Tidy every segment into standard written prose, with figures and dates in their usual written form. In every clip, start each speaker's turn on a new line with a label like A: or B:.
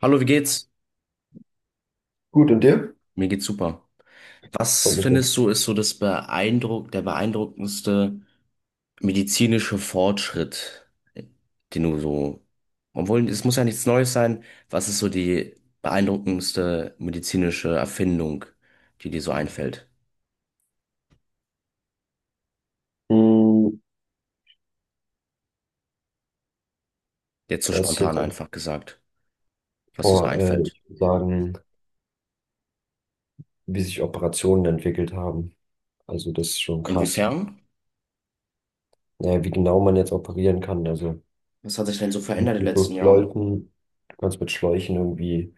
A: Hallo, wie geht's?
B: Gut, und dir?
A: Mir geht's super. Was
B: Freut mich doch.
A: findest du ist so das beeindruckendste medizinische Fortschritt, äh, den du so, obwohl es muss ja nichts Neues sein, was ist so die beeindruckendste medizinische Erfindung, die dir so einfällt?
B: Hm,
A: Jetzt so
B: was ich jetzt
A: spontan
B: auch
A: einfach gesagt, was dir so
B: vor,
A: einfällt.
B: ich würde sagen, wie sich Operationen entwickelt haben. Also das ist schon krass.
A: Inwiefern?
B: Naja, wie genau man jetzt operieren kann. Also
A: Was hat sich denn so
B: mit
A: verändert in den letzten Jahren?
B: Schläuchen, du kannst mit Schläuchen irgendwie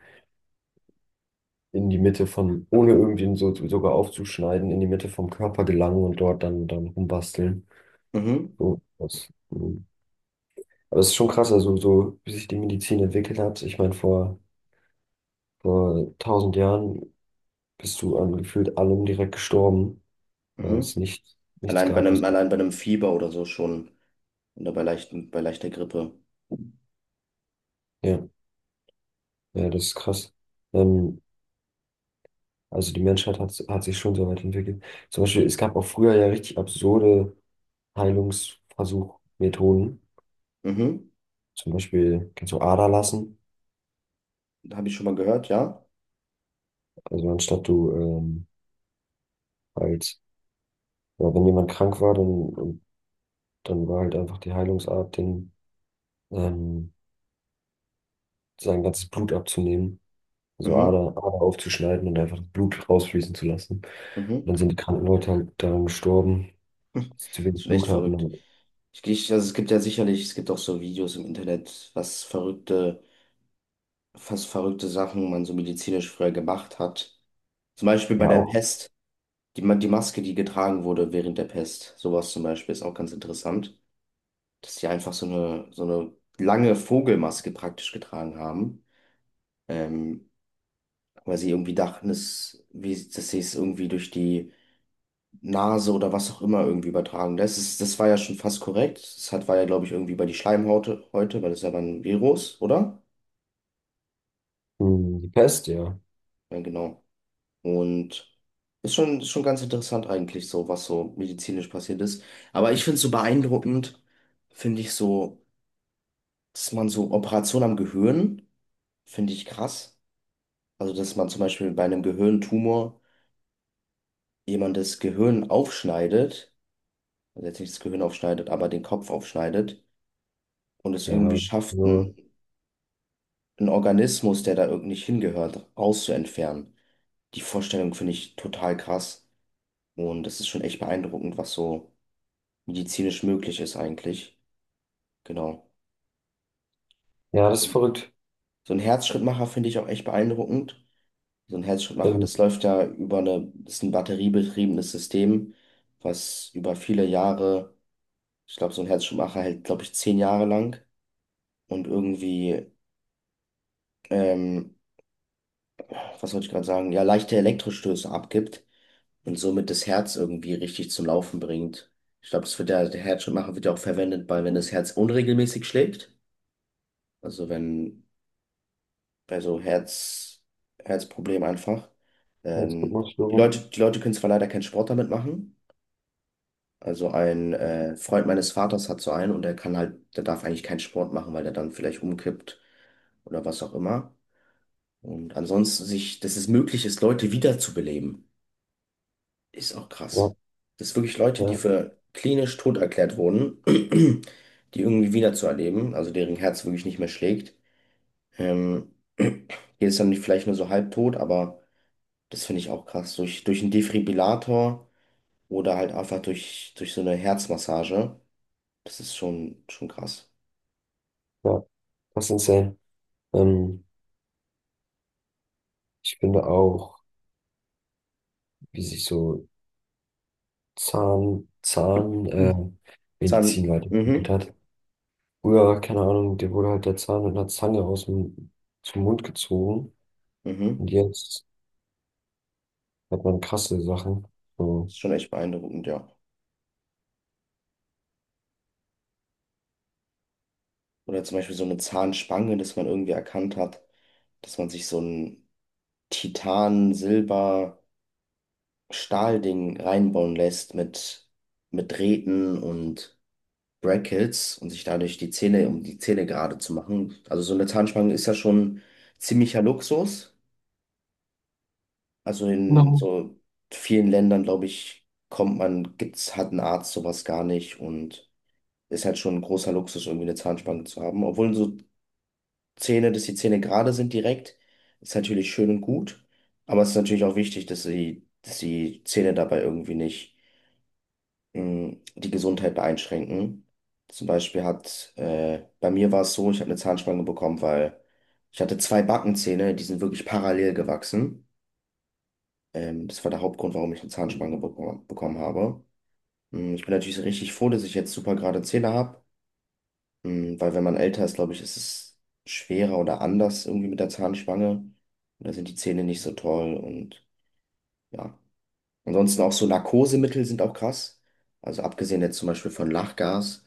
B: in die Mitte von, ohne irgendwie so, sogar aufzuschneiden, in die Mitte vom Körper gelangen und dort dann rumbasteln.
A: Mhm,
B: So, das, Aber es ist schon krass, also so, wie sich die Medizin entwickelt hat. Ich meine, vor 1000 Jahren bist du an gefühlt allem direkt gestorben, weil
A: mhm.
B: es nichts
A: Allein bei
B: gab,
A: einem,
B: was.
A: allein bei einem Fieber oder so schon, oder bei bei leichter Grippe.
B: Ja, ja, das ist krass. Ähm, also die Menschheit hat sich schon so weit entwickelt. Zum Beispiel, es gab auch früher ja richtig absurde Heilungsversuchmethoden.
A: Mhm.
B: Zum Beispiel kannst du Ader lassen.
A: Habe ich schon mal gehört, ja.
B: Also anstatt du halt, ja, wenn jemand krank war, und dann war halt einfach die Heilungsart, den, ähm, sein ganzes Blut abzunehmen, so
A: Mhm,
B: Ader aufzuschneiden und einfach das Blut rausfließen zu lassen. Und
A: mhm.
B: dann sind die kranken Leute halt daran gestorben, dass sie zu
A: Ist
B: wenig
A: schon echt
B: Blut hatten.
A: verrückt.
B: Und
A: Also es gibt ja sicherlich, es gibt auch so Videos im Internet, was fast verrückte Sachen man so medizinisch früher gemacht hat. Zum Beispiel bei
B: ja,
A: der
B: auch
A: Pest, die Maske, die getragen wurde während der Pest. Sowas zum Beispiel ist auch ganz interessant, dass die einfach so eine lange Vogelmaske praktisch getragen haben, ähm, weil sie irgendwie dachten, dass sie es irgendwie durch die Nase oder was auch immer irgendwie übertragen. Das war ja schon fast korrekt. Das hat, war ja, glaube ich, irgendwie bei die Schleimhaut heute, weil das ist ja ein Virus, oder?
B: mh, die Pest, ja.
A: Ja, genau. Und ist ist schon ganz interessant eigentlich so, was so medizinisch passiert ist. Aber ich finde es so beeindruckend, finde ich so, dass man so Operationen am Gehirn, finde ich krass. Also, dass man zum Beispiel bei einem Gehirntumor jemand das Gehirn aufschneidet, also jetzt nicht das Gehirn aufschneidet, aber den Kopf aufschneidet und es
B: Ja,
A: irgendwie
B: das ist
A: schafft,
B: nur,
A: einen Organismus, der da irgendwie nicht hingehört, rauszuentfernen. Die Vorstellung finde ich total krass. Und das ist schon echt beeindruckend, was so medizinisch möglich ist eigentlich. Genau.
B: ja, das ist
A: Und
B: verrückt.
A: so ein Herzschrittmacher finde ich auch echt beeindruckend. So ein Herzschrittmacher,
B: Ähm,
A: das läuft ja über eine, das ist ein batteriebetriebenes System, was über viele Jahre, ich glaube, so ein Herzschrittmacher hält, glaube ich, 10 Jahre lang und irgendwie, ähm, was wollte ich gerade sagen, ja, leichte Elektrostöße abgibt und somit das Herz irgendwie richtig zum Laufen bringt. Ich glaube, das wird ja, der Herzschrittmacher wird ja auch verwendet, bei, wenn das Herz unregelmäßig schlägt. Also wenn bei so Herz, Herzproblem einfach. Ähm, die
B: Herzrhythmusstörung.
A: Leute, die Leute können zwar leider keinen Sport damit machen. Also ein Freund meines Vaters hat so einen und der kann halt, der darf eigentlich keinen Sport machen, weil der dann vielleicht umkippt oder was auch immer. Und ansonsten sich, dass es möglich ist, Leute wiederzubeleben. Ist auch
B: Ja,
A: krass. Dass wirklich Leute, die
B: ja,
A: für klinisch tot erklärt wurden, die irgendwie wieder zu erleben, also deren Herz wirklich nicht mehr schlägt. Hier ist dann nicht- vielleicht nur so halbtot, aber das finde ich auch krass. Durch einen Defibrillator oder halt einfach durch so eine Herzmassage. Das ist schon krass.
B: ja, das ist insane. Ähm, ich finde auch, wie sich so Zahn-
A: Mhm.
B: Medizin
A: Zahn,
B: weiterentwickelt
A: mhm,
B: hat. Früher, keine Ahnung, dir wurde halt der Zahn mit einer Zange aus dem, zum Mund gezogen. Und
A: mhm.
B: jetzt hat man krasse Sachen. So.
A: Ist schon echt beeindruckend, ja. Oder zum Beispiel so eine Zahnspange, dass man irgendwie erkannt hat, dass man sich so ein Titan, Silber, Stahlding reinbauen lässt mit Drähten und Brackets und sich dadurch die Zähne, um die Zähne gerade zu machen. Also so eine Zahnspange ist ja schon ziemlicher Luxus. Also in
B: No.
A: so vielen Ländern, glaube ich, kommt man, gibt's, hat ein Arzt sowas gar nicht und ist halt schon ein großer Luxus, irgendwie eine Zahnspange zu haben. Obwohl so Zähne, dass die Zähne gerade sind direkt, ist natürlich schön und gut. Aber es ist natürlich auch wichtig, dass die Zähne dabei irgendwie nicht mh, die Gesundheit einschränken. Zum Beispiel hat, bei mir war es so, ich habe eine Zahnspange bekommen, weil ich hatte zwei Backenzähne, die sind wirklich parallel gewachsen. Das war der Hauptgrund, warum ich eine Zahnspange bekommen habe. Mm, ich bin natürlich richtig froh, dass ich jetzt super gerade Zähne habe, weil wenn man älter ist, glaube ich, ist es schwerer oder anders irgendwie mit der Zahnspange. Und da sind die Zähne nicht so toll und ja. Ansonsten auch so Narkosemittel sind auch krass. Also abgesehen jetzt zum Beispiel von Lachgas,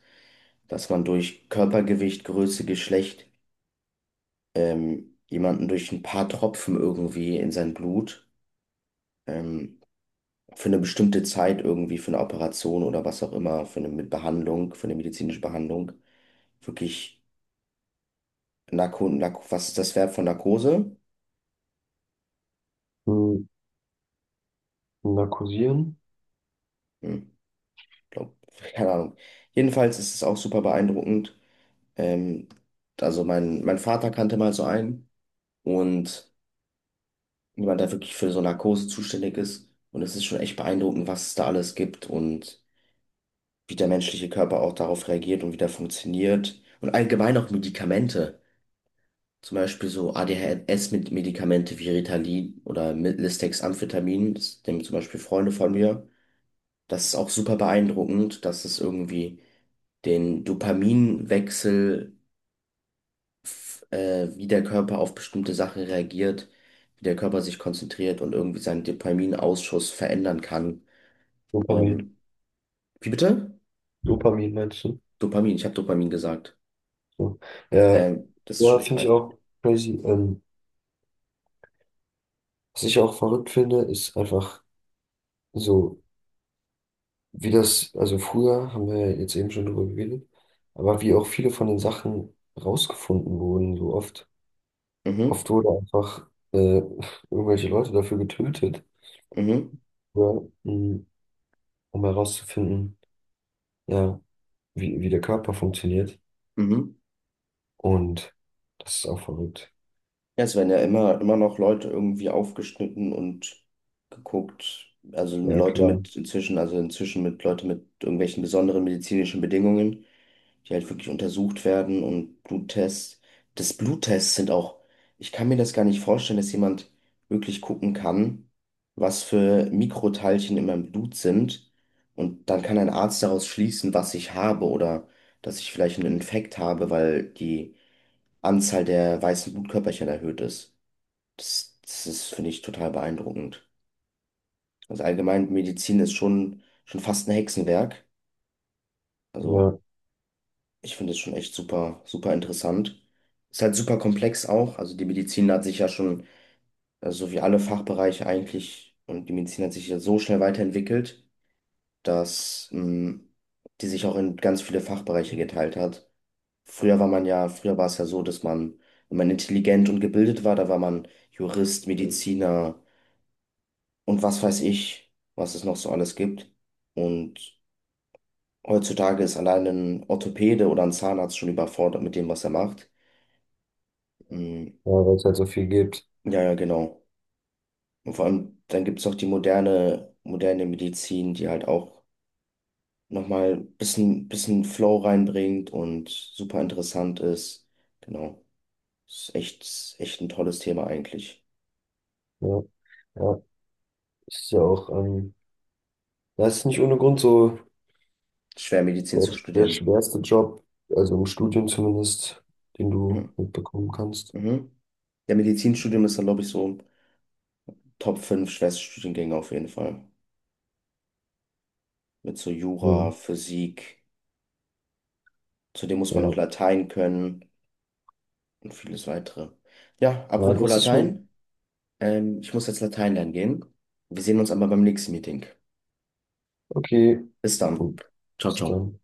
A: dass man durch Körpergewicht, Größe, Geschlecht jemanden durch ein paar Tropfen irgendwie in sein Blut ähm, für eine bestimmte Zeit irgendwie für eine Operation oder was auch immer, für eine mit Behandlung, für eine medizinische Behandlung, wirklich Narko, Narko, was ist das Verb von Narkose?
B: Hm, narkosieren?
A: Hm, glaub, keine Ahnung. Jedenfalls ist es auch super beeindruckend. Ähm, also mein Vater kannte mal so einen und jemand, der wirklich für so Narkose zuständig ist. Und es ist schon echt beeindruckend, was es da alles gibt und wie der menschliche Körper auch darauf reagiert und wie der funktioniert. Und allgemein auch Medikamente. Zum Beispiel so ADHS-Medikamente wie Ritalin oder Listex Amphetamin, das nehmen zum Beispiel Freunde von mir. Das ist auch super beeindruckend, dass es irgendwie den Dopaminwechsel, wie der Körper auf bestimmte Sachen reagiert, wie der Körper sich konzentriert und irgendwie seinen Dopaminausschuss verändern kann.
B: Dopamin.
A: Ähm, wie bitte?
B: Dopamin meinst du?
A: Dopamin, ich habe Dopamin gesagt.
B: So. Ja,
A: Das ist schon
B: ja
A: echt
B: finde ich
A: beeindruckend.
B: auch crazy. Was ich auch verrückt finde, ist einfach so, wie das, also früher haben wir ja jetzt eben schon drüber geredet, aber wie auch viele von den Sachen rausgefunden wurden, so oft.
A: Mhm,
B: Oft wurde einfach irgendwelche Leute dafür getötet,
A: mhm,
B: ja, um herauszufinden, ja, wie der Körper funktioniert.
A: mhm.
B: Und das ist auch verrückt.
A: Ja, es werden ja immer noch Leute irgendwie aufgeschnitten und geguckt. Also
B: Ja,
A: Leute
B: klar.
A: mit inzwischen, also inzwischen mit Leute mit irgendwelchen besonderen medizinischen Bedingungen, die halt wirklich untersucht werden und Bluttests. Das Bluttests sind auch, ich kann mir das gar nicht vorstellen, dass jemand wirklich gucken kann, was für Mikroteilchen in meinem Blut sind. Und dann kann ein Arzt daraus schließen, was ich habe oder dass ich vielleicht einen Infekt habe, weil die Anzahl der weißen Blutkörperchen erhöht ist. Das ist, finde ich, total beeindruckend. Also allgemein, Medizin ist schon fast ein Hexenwerk. Also
B: Ja,
A: ich finde es schon echt super interessant. Ist halt super komplex auch. Also die Medizin hat sich ja schon, so wie alle Fachbereiche eigentlich, und die Medizin hat sich ja so schnell weiterentwickelt, dass mh, die sich auch in ganz viele Fachbereiche geteilt hat. Früher war man ja, früher war es ja so, dass man, wenn man intelligent und gebildet war, da war man Jurist, Mediziner und was weiß ich, was es noch so alles gibt. Und heutzutage ist allein ein Orthopäde oder ein Zahnarzt schon überfordert mit dem, was er macht. Hm,
B: ja weil es halt so viel gibt.
A: ja, ja, genau. Und vor allem, dann gibt es noch die moderne Medizin, die halt auch nochmal ein bisschen Flow reinbringt und super interessant ist. Genau. Ist ist echt ein tolles Thema eigentlich.
B: Ja, ja. Das ist ja auch, das ist nicht ohne Grund so
A: Schwer Medizin
B: der,
A: zu
B: der
A: studieren.
B: schwerste Job, also im Studium zumindest, den du
A: Mhm.
B: mitbekommen kannst.
A: Mhm. Der Medizinstudium ist dann, glaube ich, so Top 5 schwerste Studiengänge auf jeden Fall. Mit so
B: Ja,
A: Jura, Physik, zudem muss man noch
B: ja.
A: Latein können und vieles weitere. Ja,
B: Ja,
A: apropos
B: das ist schon
A: Latein. Ich muss jetzt Latein lernen gehen. Wir sehen uns aber beim nächsten Meeting.
B: okay.
A: Bis dann.
B: Gut.
A: Ciao,
B: Bis
A: ciao.
B: dann.